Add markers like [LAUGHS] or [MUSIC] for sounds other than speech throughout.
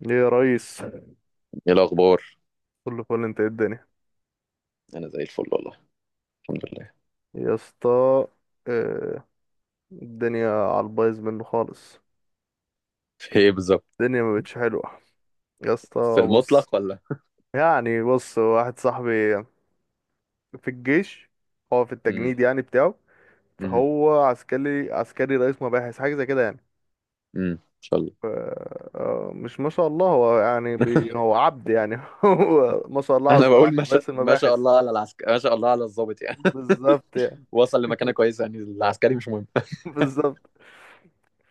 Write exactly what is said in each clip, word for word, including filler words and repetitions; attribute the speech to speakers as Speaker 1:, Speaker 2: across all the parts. Speaker 1: ليه يا ريس؟
Speaker 2: ايه الاخبار؟
Speaker 1: كله فل، انت ايه الدنيا؟
Speaker 2: انا زي الفل والله. الحمد لله.
Speaker 1: يا اسطى. اه، الدنيا على البايظ منه خالص.
Speaker 2: في ايه بالظبط؟
Speaker 1: الدنيا ما بقتش حلوه يا
Speaker 2: في
Speaker 1: اسطى. بص
Speaker 2: المطلق ولا؟
Speaker 1: يعني، بص، واحد صاحبي في الجيش، هو في
Speaker 2: امم.
Speaker 1: التجنيد يعني بتاعه.
Speaker 2: امم.
Speaker 1: فهو عسكري عسكري رئيس مباحث، حاجه زي كده يعني.
Speaker 2: امم. ان شاء الله.
Speaker 1: ف- اه، مش ما شاء الله، هو يعني بي هو عبد يعني. [LAUGHS] هو ما شاء الله
Speaker 2: انا
Speaker 1: عز- على
Speaker 2: بقول ما شاء
Speaker 1: رئيس
Speaker 2: ما شاء
Speaker 1: المباحث.
Speaker 2: الله على العسكري، ما شاء الله على الضابط يعني.
Speaker 1: بالظبط يعني.
Speaker 2: [LAUGHS] وصل لمكانه كويسه، يعني العسكري مش مهم.
Speaker 1: [LAUGHS] بالظبط.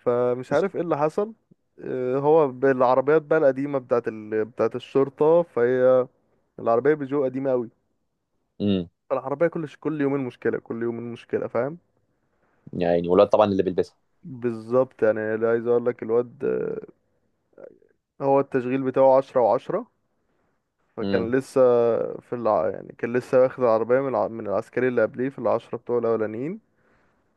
Speaker 1: فمش عارف ايه اللي حصل. آه، هو بالعربيات بقى القديمة بتاعت ال... بتاعت الشرطة، فهي العربية بيجو قديمة قوي.
Speaker 2: امم.
Speaker 1: فالعربية كل ش... كل يومين مشكلة، كل يومين مشكلة، فاهم.
Speaker 2: يا عيني، والواد طبعا اللي بيلبسها.
Speaker 1: بالظبط يعني. لا، عايز اقول لك الواد آه، هو التشغيل بتاعه عشرة وعشرة. فكان
Speaker 2: امم.
Speaker 1: لسه في الع... يعني كان لسه واخد العربية من الع... من العسكري اللي قبليه في العشرة بتوعه الأولانيين.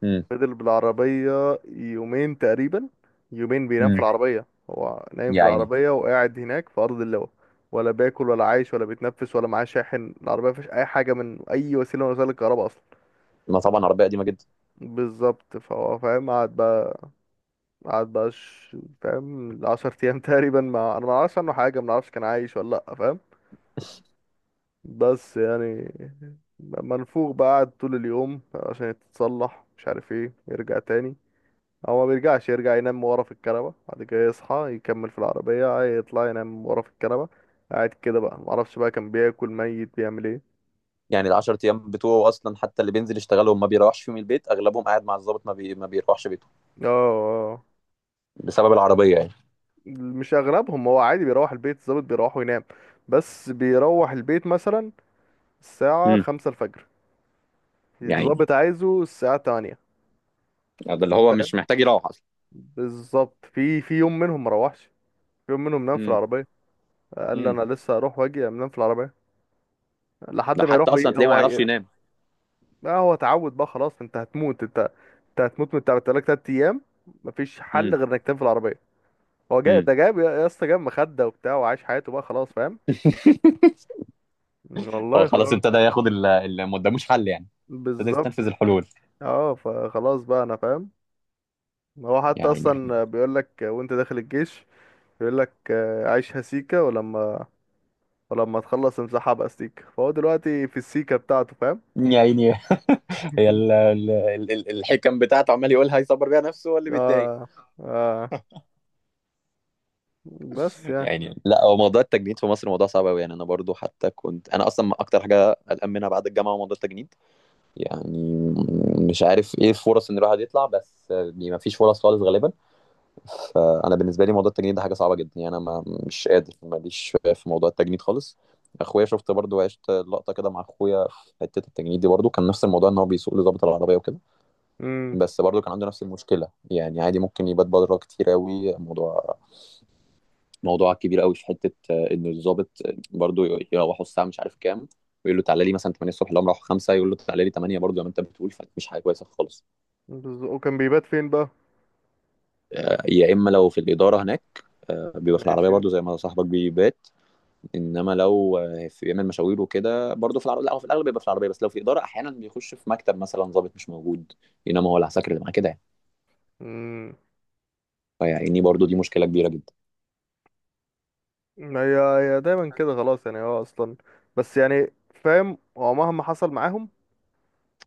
Speaker 2: امم.
Speaker 1: فضل بالعربية يومين تقريبا، يومين بينام في
Speaker 2: امم.
Speaker 1: العربية، هو نايم في
Speaker 2: يا عيني.
Speaker 1: العربية وقاعد هناك في أرض اللواء. ولا باكل ولا عايش ولا بيتنفس، ولا معاه شاحن. العربية مفيهاش أي حاجة من أي وسيلة من وسائل الكهرباء أصلا.
Speaker 2: ما طبعا عربيه قديمه جدا.
Speaker 1: بالظبط، فهو فاهم. قعد بقى قعد بقى ش- فاهم عشر أيام [LAUGHS] تقريبا. ما أنا معرفش عنه حاجة، منعرفش كان عايش ولا لأ، فاهم. بس يعني منفوخ بقى. قعد طول اليوم عشان يتصلح، مش عارف ايه، يرجع تاني. هو ما بيرجعش، يرجع ينام ورا في الكنبة، بعد كده يصحى يكمل في العربية، يطلع ينام ورا في الكنبة. قاعد كده بقى، معرفش بقى كان بياكل ميت، بيعمل ايه.
Speaker 2: يعني ال عشر ايام بتوعه اصلا حتى اللي بينزل يشتغلهم ما بيروحش فيهم البيت، اغلبهم قاعد مع الضابط، ما بي... ما بيروحش بيته
Speaker 1: اه، اه،
Speaker 2: بسبب العربيه يعني.
Speaker 1: مش اغلبهم، هو عادي بيروح البيت. الظابط بيروح وينام. بس بيروح البيت مثلا الساعة
Speaker 2: امم.
Speaker 1: خمسة الفجر،
Speaker 2: يا عيني.
Speaker 1: الظابط عايزه الساعة تمانية،
Speaker 2: ده اللي هو
Speaker 1: فاهم.
Speaker 2: مش محتاج يروح اصلا.
Speaker 1: بالظبط. في في يوم منهم مروحش، في يوم منهم نام في
Speaker 2: امم.
Speaker 1: العربية. قال لي
Speaker 2: امم.
Speaker 1: انا لسه هروح واجي انام في العربية لحد
Speaker 2: ده
Speaker 1: ما
Speaker 2: حتى
Speaker 1: يروح
Speaker 2: اصلا
Speaker 1: وي...
Speaker 2: تلاقيه ما
Speaker 1: هو.
Speaker 2: يعرفش ينام.
Speaker 1: ما هو تعود بقى خلاص. انت هتموت، انت انت هتموت من تعب لك تلات ايام. مفيش حل
Speaker 2: امم.
Speaker 1: غير انك تنام في العربيه. هو جاي
Speaker 2: امم.
Speaker 1: ده، جاب يا يا اسطى، جاب مخده وبتاع، وعايش حياته بقى خلاص، فاهم.
Speaker 2: [LAUGHS] هو
Speaker 1: والله
Speaker 2: خلاص
Speaker 1: خلاص.
Speaker 2: ابتدى ياخد ال- اللي ما قداموش حل يعني. ابتدى
Speaker 1: بالظبط.
Speaker 2: يستنفذ الحلول.
Speaker 1: اه، فخلاص بقى انا فاهم. هو
Speaker 2: يا
Speaker 1: حتى
Speaker 2: عيني.
Speaker 1: اصلا بيقول لك وانت داخل الجيش، بيقول لك آه، عيشها سيكه، ولما ولما تخلص امسحها بقى سيكه. فهو دلوقتي في السيكه بتاعته، فاهم.
Speaker 2: يا عيني. هي ال- ال- ال- ال- الحكم بتاعته، عمال يقولها يصبر بيها نفسه هو اللي
Speaker 1: [LAUGHS]
Speaker 2: بيتضايق.
Speaker 1: اه، اه، بس يعني.
Speaker 2: يعني لا، هو موضوع التجنيد في مصر موضوع صعب قوي. يعني انا برضو حتى كنت انا اصلا اكتر حاجه قلقان منها بعد الجامعه هو موضوع التجنيد. يعني مش عارف ايه الفرص ان الواحد يطلع، بس ما فيش فرص خالص غالبا. فانا بالنسبه لي موضوع التجنيد ده حاجه صعبه جدا يعني. انا ما مش قادر ماليش في موضوع التجنيد خالص. اخويا شفت برضو، عشت لقطه كده مع اخويا في حته التجنيد دي. برضو كان نفس الموضوع ان هو بيسوق لضابط العربيه وكده.
Speaker 1: امم
Speaker 2: بس برضو كان عنده نفس المشكله. يعني عادي ممكن يبات بره كتير قوي. موضوع موضوع كبير قوي في حته، آه، ان الضابط برضو يروحوا الساعه مش عارف كام، ويقول له تعالى لي مثلا تمانية الصبح. لو راحوا خمسة يقول له تعالى لي تمانية برضو، زي ما انت بتقول. فمش حاجه كويسه خالص.
Speaker 1: بز- وكان بيبات فين بقى؟
Speaker 2: آه، يا اما لو في الاداره هناك، آه، بيبقى في العربيه
Speaker 1: ماشي.
Speaker 2: برضو زي ما صاحبك بيبات. انما لو آه، في بيعمل مشاوير وكده برضه في العربيه. لا، هو في الاغلب بيبقى في العربيه، بس لو في اداره احيانا بيخش في مكتب مثلا ضابط مش موجود، انما هو العساكر اللي معاه كده يعني.
Speaker 1: امم.
Speaker 2: فيعني برضه دي مشكله كبيره جدا.
Speaker 1: هي هي دايما كده خلاص يعني، هو اصلا. بس يعني فاهم، هو مهما حصل معاهم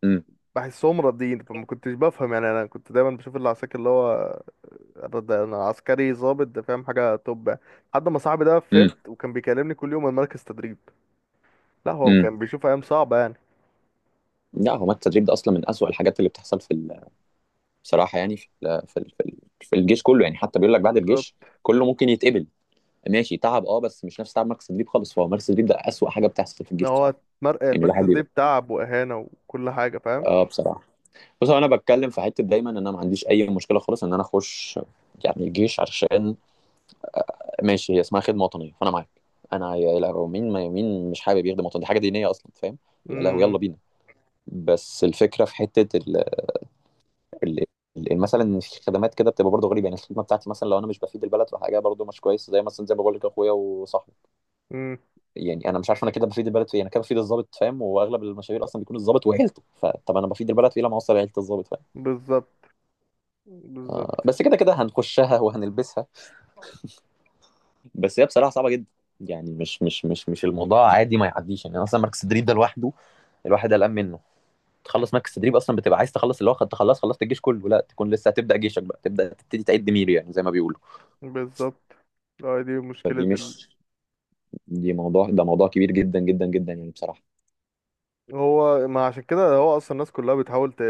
Speaker 2: امم.
Speaker 1: بحسهم راضيين. فما كنتش بفهم يعني. انا كنت دايما بشوف اللي عساكر اللي هو رد- انا عسكري ضابط ده، فاهم حاجه توب. لحد ما صاحبي ده
Speaker 2: امم.
Speaker 1: فهمت، وكان بيكلمني كل يوم من مركز تدريب. لا هو
Speaker 2: امم.
Speaker 1: كان بيشوف ايام صعبه يعني.
Speaker 2: لا، هو مات التدريب ده اصلا من اسوأ الحاجات اللي بتحصل في ال- بصراحه. يعني في ال في ال في, ال في الجيش كله. يعني حتى بيقول لك بعد
Speaker 1: بالظبط.
Speaker 2: الجيش كله ممكن يتقبل. ماشي، تعب اه، بس مش نفس تعب مركز التدريب خالص. فهو مركز التدريب ده اسوأ حاجه بتحصل في
Speaker 1: إن
Speaker 2: الجيش
Speaker 1: هو
Speaker 2: بصراحه.
Speaker 1: مر-
Speaker 2: يعني الواحد
Speaker 1: المركز ده
Speaker 2: بيبقى.
Speaker 1: تعب واهانه وكل حاجه، فاهم.
Speaker 2: اه بصراحه. بص، هو انا بتكلم في حته دايما ان انا ما عنديش اي مشكله خالص ان انا اخش يعني الجيش، عشان ماشي هي اسمها خدمه وطنيه فانا معاك. انا يا لهوي، مين ما مين مش حابب يخدم وطن؟ دي حاجه دينيه اصلا فاهم. يا لهوي يلا
Speaker 1: امم،
Speaker 2: بينا. بس الفكره في حته ال... ال... ال- مثلا إن في خدمات كده بتبقى برضه غريبه. يعني الخدمه بتاعتي مثلا لو انا مش بفيد البلد في حاجه برضه مش كويس، زي مثلا زي ما بقول لك اخويا وصاحبي.
Speaker 1: امم،
Speaker 2: يعني انا مش عارف انا كده بفيد البلد في إيه. انا كده بفيد الضابط فاهم، واغلب المشاوير اصلا بيكون الضابط وعيلته. فطب انا بفيد البلد في ايه لما اوصل عيله الضابط فاهم.
Speaker 1: بالظبط. بالظبط.
Speaker 2: بس كده كده هنخشها وهنلبسها. بس هي بصراحه صعبه جدا. يعني مش مش مش مش الموضوع عادي ما يعديش يعني. اصلا مركز تدريب ده لوحده الواحد قلقان منه. تخلص مركز تدريب اصلا بتبقى عايز تخلص، اللي هو خدت تخلص خلصت الجيش كله، لا تكون لسه هتبدا جيشك بقى. تبدا تبتدي تعد ميري يعني زي ما بيقولوا.
Speaker 1: بالظبط. اه، دي مشكله.
Speaker 2: فدي مش، دي موضوع، ده موضوع كبير جدا جدا جدا يعني بصراحه.
Speaker 1: هو ما عشان كده هو اصلا الناس كلها بتحاول ت...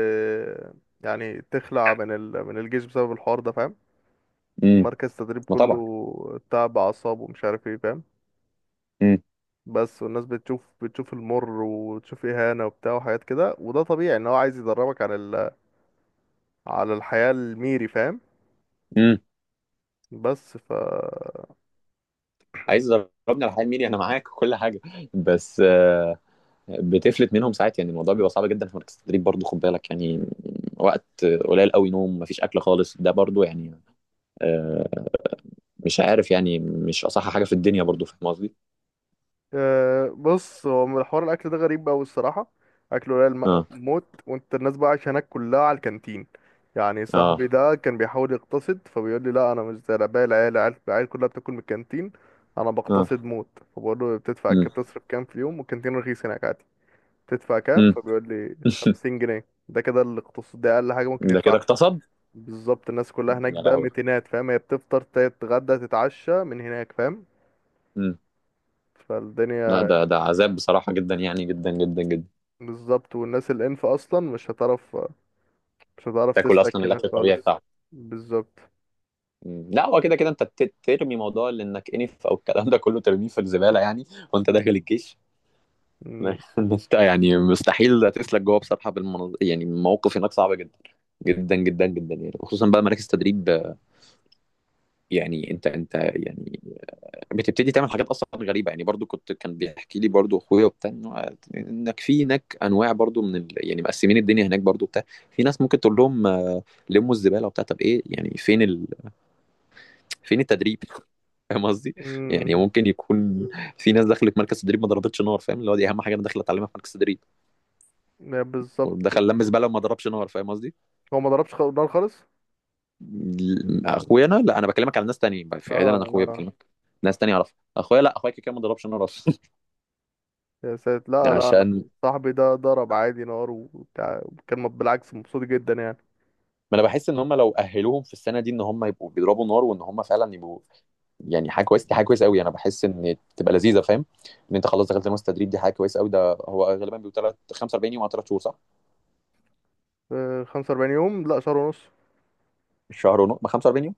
Speaker 1: يعني تخلع من ال... من الجيش بسبب الحوار ده، فاهم.
Speaker 2: امم.
Speaker 1: مركز التدريب
Speaker 2: ما طبعا.
Speaker 1: كله تعب اعصاب ومش عارف ايه، فاهم.
Speaker 2: امم.
Speaker 1: بس والناس بتشوف بتشوف المر، وتشوف اهانه وبتاع وحاجات كده. وده طبيعي ان هو عايز يدربك على ال... على الحياه الميري، فاهم.
Speaker 2: امم.
Speaker 1: بس ف
Speaker 2: عايز ضربني على حال ميري، انا معاك وكل حاجه. بس آه، بتفلت منهم ساعات. يعني الموضوع بيبقى صعب جدا في مركز التدريب برضه، خد بالك يعني. وقت قليل قوي نوم، مفيش اكل خالص، ده برضه يعني آه، مش عارف يعني، مش أصح حاجة في الدنيا برضه فاهم قصدي؟
Speaker 1: أه بص، هو من حوار الاكل ده غريب قوي الصراحه. اكله قليل م-
Speaker 2: آه.
Speaker 1: موت، وانت الناس بقى عايشه هناك كلها على الكانتين. يعني
Speaker 2: آه.
Speaker 1: صاحبي ده كان بيحاول يقتصد، فبيقول لي لا، انا مش زي باقي العيال. العيال العيال كلها بتاكل من الكانتين، انا
Speaker 2: آه.
Speaker 1: بقتصد موت. فبقول له بتدفع
Speaker 2: إمم.
Speaker 1: كام، بتصرف كام في اليوم؟ والكانتين رخيص هناك عادي. بتدفع كام؟
Speaker 2: إمم.
Speaker 1: فبيقول لي
Speaker 2: [LAUGHS]
Speaker 1: خمسين جنيه. ده كده الاقتصاد، ده اقل حاجه ممكن
Speaker 2: ده كده
Speaker 1: يدفعها.
Speaker 2: اغتصب؟
Speaker 1: بالظبط. الناس كلها هناك
Speaker 2: يا
Speaker 1: بقى
Speaker 2: لهوي!
Speaker 1: متينات، فاهم. هي بتفطر تتغدى تتعشى من هناك، فاهم.
Speaker 2: إمم. لأ،
Speaker 1: فالدنيا.
Speaker 2: ده ده عذاب بصراحة جدًا يعني، جدًا، جدًا، جدًا.
Speaker 1: بالظبط. والناس الانف اصلا مش هتعرف، مش هتعرف
Speaker 2: تاكل
Speaker 1: تسلك
Speaker 2: أصلًا
Speaker 1: هناك
Speaker 2: الأكل الطبيعي
Speaker 1: خالص.
Speaker 2: بتاعهم.
Speaker 1: بالظبط.
Speaker 2: إمم. لأ، هو كده، كده أنت ت ترمي موضوع لإنك أنف أو الكلام ده كله ترميه في الزبالة يعني. وأنت داخل الجيش.
Speaker 1: مم.
Speaker 2: [LAUGHS] إن أنت يعني مستحيل هتسلك جوه بصراحة بالمناظ. يعني المواقف هناك صعبة جدًا، جدًا، جدًا، جدًا يعني. وخصوصًا بقى مراكز تدريب، آه، يعني أنت أنت يعني بتبتدي تعمل حاجات اصلا غريبه. يعني برضو كنت كان بيحكي لي برضو اخويا وبتاع إنه- انك في هناك انواع برضو من ال... يعني مقسمين الدنيا هناك برضو بتاع. في ناس ممكن تقول لهم آه، لموا الزباله وبتاع. طب ايه يعني؟ فين ال... فين التدريب؟ [LAUGHS] فاهم قصدي. يعني
Speaker 1: مم.
Speaker 2: ممكن يكون في ناس دخلت مركز تدريب ما ضربتش نار فاهم، اللي هو دي اهم حاجه انا داخل اتعلمها في مركز تدريب،
Speaker 1: يا بالظبط،
Speaker 2: ودخل لم زباله وما ضربش نار فاهم قصدي.
Speaker 1: هو ما ضربش خ- نار خالص.
Speaker 2: ال- اخويا انا، لا، انا بكلمك على ناس تانية في عيد، انا
Speaker 1: اه.
Speaker 2: اخويا
Speaker 1: آه.
Speaker 2: بكلمك. ناس تانية اعرفها، اخويا لا، اخويا كده كده ما ضربش نار اصلا.
Speaker 1: يا ساتر،
Speaker 2: [LAUGHS]
Speaker 1: لا، لا، أنا.
Speaker 2: عشان
Speaker 1: صاحبي ده ضرب عادي نار وبتاع، كان بالعكس مبسوط جدا يعني.
Speaker 2: ما انا بحس ان هم لو اهلوهم في السنه دي ان هم يبقوا بيضربوا نار، وان هم فعلا يبقوا يعني حاجه كويسه. دي حاجه كويسه قوي، انا بحس ان تبقى لذيذه فاهم ان انت خلاص دخلت المستر تدريب دي حاجه كويسه قوي. ده هو غالبا بيبقى تلات- خمسة واربعين يوم او تلاتة شهور صح؟
Speaker 1: آه، خمسة واربعين يوم. لا، شهر ونص.
Speaker 2: شهر ونص، ما خمسة واربعين يوم؟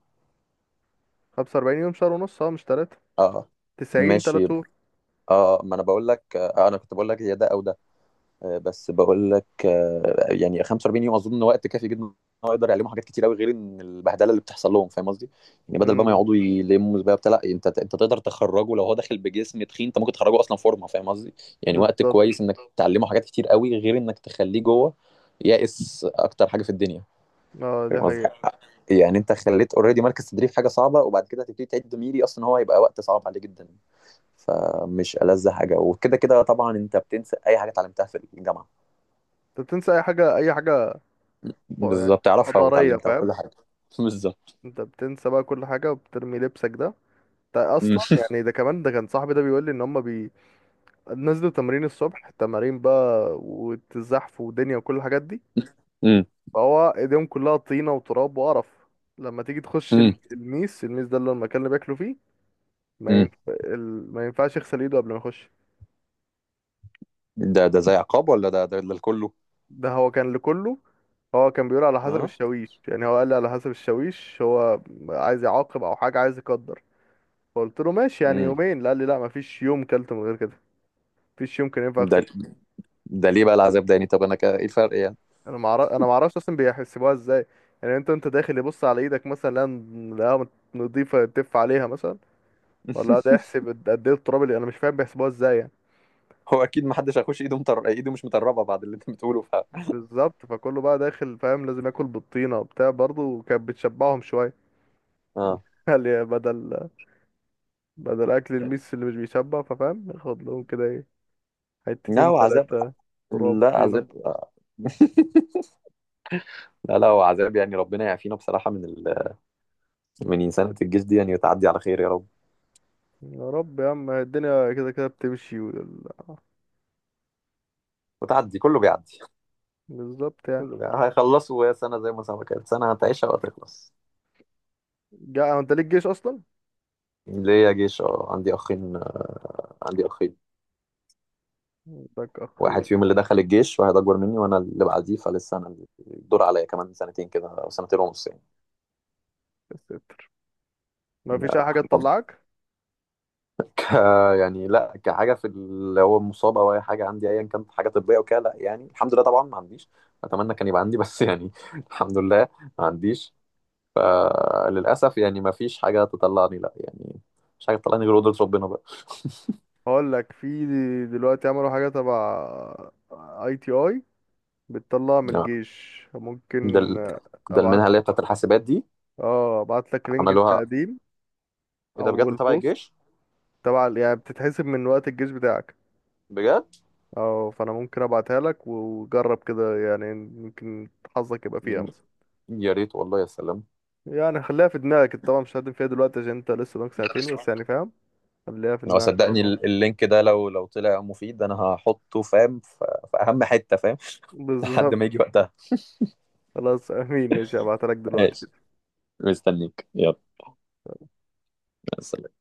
Speaker 1: خمسة واربعين يوم، شهر ونص، اه، مش تلاتة.
Speaker 2: اه. آه.
Speaker 1: تسعين، تلات
Speaker 2: ماشي.
Speaker 1: شهور.
Speaker 2: اه، ما انا بقول لك آه انا كنت بقول لك يا ده او ده. آه، بس بقول لك، آه، يعني خمسة واربعين يوم اظن وقت كافي جدا ان هو يقدر يعلمهم حاجات كتير قوي، غير ان البهدله اللي بتحصل لهم فاهم قصدي؟ يعني بدل بقى ما
Speaker 1: امم.
Speaker 2: يقعدوا يلموا بقى بتاع، لا انت انت تقدر تخرجه، لو هو داخل بجسم تخين انت ممكن تخرجه اصلا فورمه فاهم قصدي؟ يعني وقت
Speaker 1: بالظبط.
Speaker 2: كويس انك تعلمه حاجات كتير قوي، غير انك تخليه جوه يائس اكتر حاجه في الدنيا
Speaker 1: اه،
Speaker 2: فاهم
Speaker 1: دي
Speaker 2: قصدي؟
Speaker 1: حقيقة.
Speaker 2: يعني انت خليت اوريدي مركز تدريب حاجه صعبه، وبعد كده هتبتدي تعد ميري، اصلا هو هيبقى وقت صعب عليه جدا. فمش ألذ حاجه. وكده كده طبعا انت بتنسى اي حاجه اتعلمتها في الجامعه.
Speaker 1: انت بتنسى اي حاجة، اي حاجة يعني
Speaker 2: بالظبط تعرفها
Speaker 1: حضارية،
Speaker 2: وتعلمتها
Speaker 1: فاهم.
Speaker 2: وكل حاجة. [LAUGHS] بالظبط.
Speaker 1: انت بتنسى بقى كل حاجة، وبترمي لبسك ده. ده
Speaker 2: مم.
Speaker 1: اصلا يعني، ده كمان، ده كان صاحبي ده بيقول لي ان هم بي... نزلوا تمرين الصبح، تمارين بقى والزحف ودنيا وكل الحاجات دي.
Speaker 2: مم.
Speaker 1: فهو ايديهم كلها طينه وتراب وقرف. لما تيجي تخش ال-
Speaker 2: مم.
Speaker 1: الميس، الميس ده اللي هو المكان اللي بياكلوا فيه، ما
Speaker 2: مم.
Speaker 1: ينف... ال... ما ينفعش يغسل ايده قبل ما يخش.
Speaker 2: ده ده زي عقاب ولا ده ده للكله؟
Speaker 1: ده هو كان لكله. هو كان بيقول على حسب
Speaker 2: اه.
Speaker 1: الشاويش. يعني هو قال لي على حسب الشاويش، هو عايز يعاقب او حاجه، عايز يقدر. فقلت له ماشي، يعني
Speaker 2: مم.
Speaker 1: يومين؟ لا، قال لي لا، مفيش يوم كلت من غير كده، مفيش يوم كان ينفع
Speaker 2: ده
Speaker 1: اغسل.
Speaker 2: ده ليه بقى العذاب ده؟ يعني طب انا كا- ايه الفرق يعني؟
Speaker 1: انا ما اعرف انا ما اعرفش اصلا بيحسبوها ازاي يعني. انت، انت داخل يبص على ايدك مثلا؟ لا، لا، نضيفه، تف عليها مثلا؟ ولا ده
Speaker 2: [LAUGHS]
Speaker 1: يحسب قد قد ايه التراب؟ اللي انا مش فاهم بيحسبوها ازاي يعني.
Speaker 2: هو اكيد ما حدش هيخش ايده مطر... ايده مش مطربه بعد اللي انت بتقوله ف
Speaker 1: بالظبط، فكله بقى داخل، فاهم، لازم ياكل بالطينه وبتاع. برضه كانت بتشبعهم شويه.
Speaker 2: اه.
Speaker 1: [LAUGHS] قال يا بدل، بدل اكل الميس اللي مش بيشبع، ففاهم ياخد لهم كده ايه،
Speaker 2: لا
Speaker 1: حتتين
Speaker 2: هو عذاب.
Speaker 1: تلاتة، تراب
Speaker 2: لا
Speaker 1: طينه.
Speaker 2: عذاب آه. [LAUGHS] لا لا، هو عذاب. يعني ربنا يعافينا بصراحه من ال... من انسانه الجيش دي، يعني وتعدي على خير يا رب.
Speaker 1: يا رب. يا عم، الدنيا كده كده بتمشي وال-
Speaker 2: وتعدي، كله بيعدي.
Speaker 1: بالظبط يعني.
Speaker 2: كله بيعدي. هيخلصوا يا سنه، زي ما سنه كانت سنه هتعيشها وهتخلص.
Speaker 1: جا انت ليك جيش اصلا؟
Speaker 2: ليا جيش، اه، عندي اخين. عندي اخين.
Speaker 1: لك اخي يا
Speaker 2: واحد فيهم اللي دخل الجيش، واحد اكبر مني وانا اللي بعديه، فلسه انا الدور عليا كمان سنتين كده او سنتين ونص يعني.
Speaker 1: ستي. ما
Speaker 2: يا
Speaker 1: فيش اي حاجه
Speaker 2: حفظ. [LAUGHS]
Speaker 1: تطلعك؟
Speaker 2: ك... يعني لا، كحاجه في اللي هو مصاب او اي حاجه عندي ايا كانت حاجه طبيه وكده لا، يعني الحمد لله طبعا ما عنديش. اتمنى كان يبقى عندي بس يعني [LAUGHS] الحمد لله، ما عنديش. آه، للاسف يعني ما فيش حاجه تطلعني لا يعني، مش حاجه تطلعني غير قدره ربنا بقى.
Speaker 1: هقول لك، في دلوقتي عملوا حاجه تبع اي تي اي بتطلع من
Speaker 2: آه،
Speaker 1: الجيش،
Speaker 2: ده
Speaker 1: ممكن.
Speaker 2: ال... ده
Speaker 1: ابعت.
Speaker 2: المنحه اللي هي بتاعت الحاسبات دي.
Speaker 1: اه، ابعت لك لينك
Speaker 2: عملوها؟
Speaker 1: التقديم
Speaker 2: ايه ده
Speaker 1: او
Speaker 2: بجد؟ تبع
Speaker 1: البوست
Speaker 2: الجيش؟
Speaker 1: تبع ال- يعني بتتحسب من وقت الجيش بتاعك.
Speaker 2: بجد؟
Speaker 1: اه، فانا ممكن ابعتها لك، وجرب كده، يعني ممكن حظك يبقى فيها مثلا.
Speaker 2: يا ريت والله، يا سلام.
Speaker 1: يعني خليها في دماغك. انت طبعا مش هتقدم فيها دلوقتي عشان انت لسه قدامك ساعتين، بس يعني فاهم، خليها في
Speaker 2: هو
Speaker 1: دماغك على
Speaker 2: صدقني
Speaker 1: طول.
Speaker 2: ال- اللينك ده لو لو طلع مفيد انا هحطه فاهم في في اهم حتة فاهم.
Speaker 1: [LAUGHS]
Speaker 2: [LAUGHS] لحد
Speaker 1: بالظبط.
Speaker 2: ما يجي وقتها.
Speaker 1: خلاص، امين. ماشي، هبعتها لك دلوقتي.
Speaker 2: ماشي. مستنيك، يلا مع السلامة.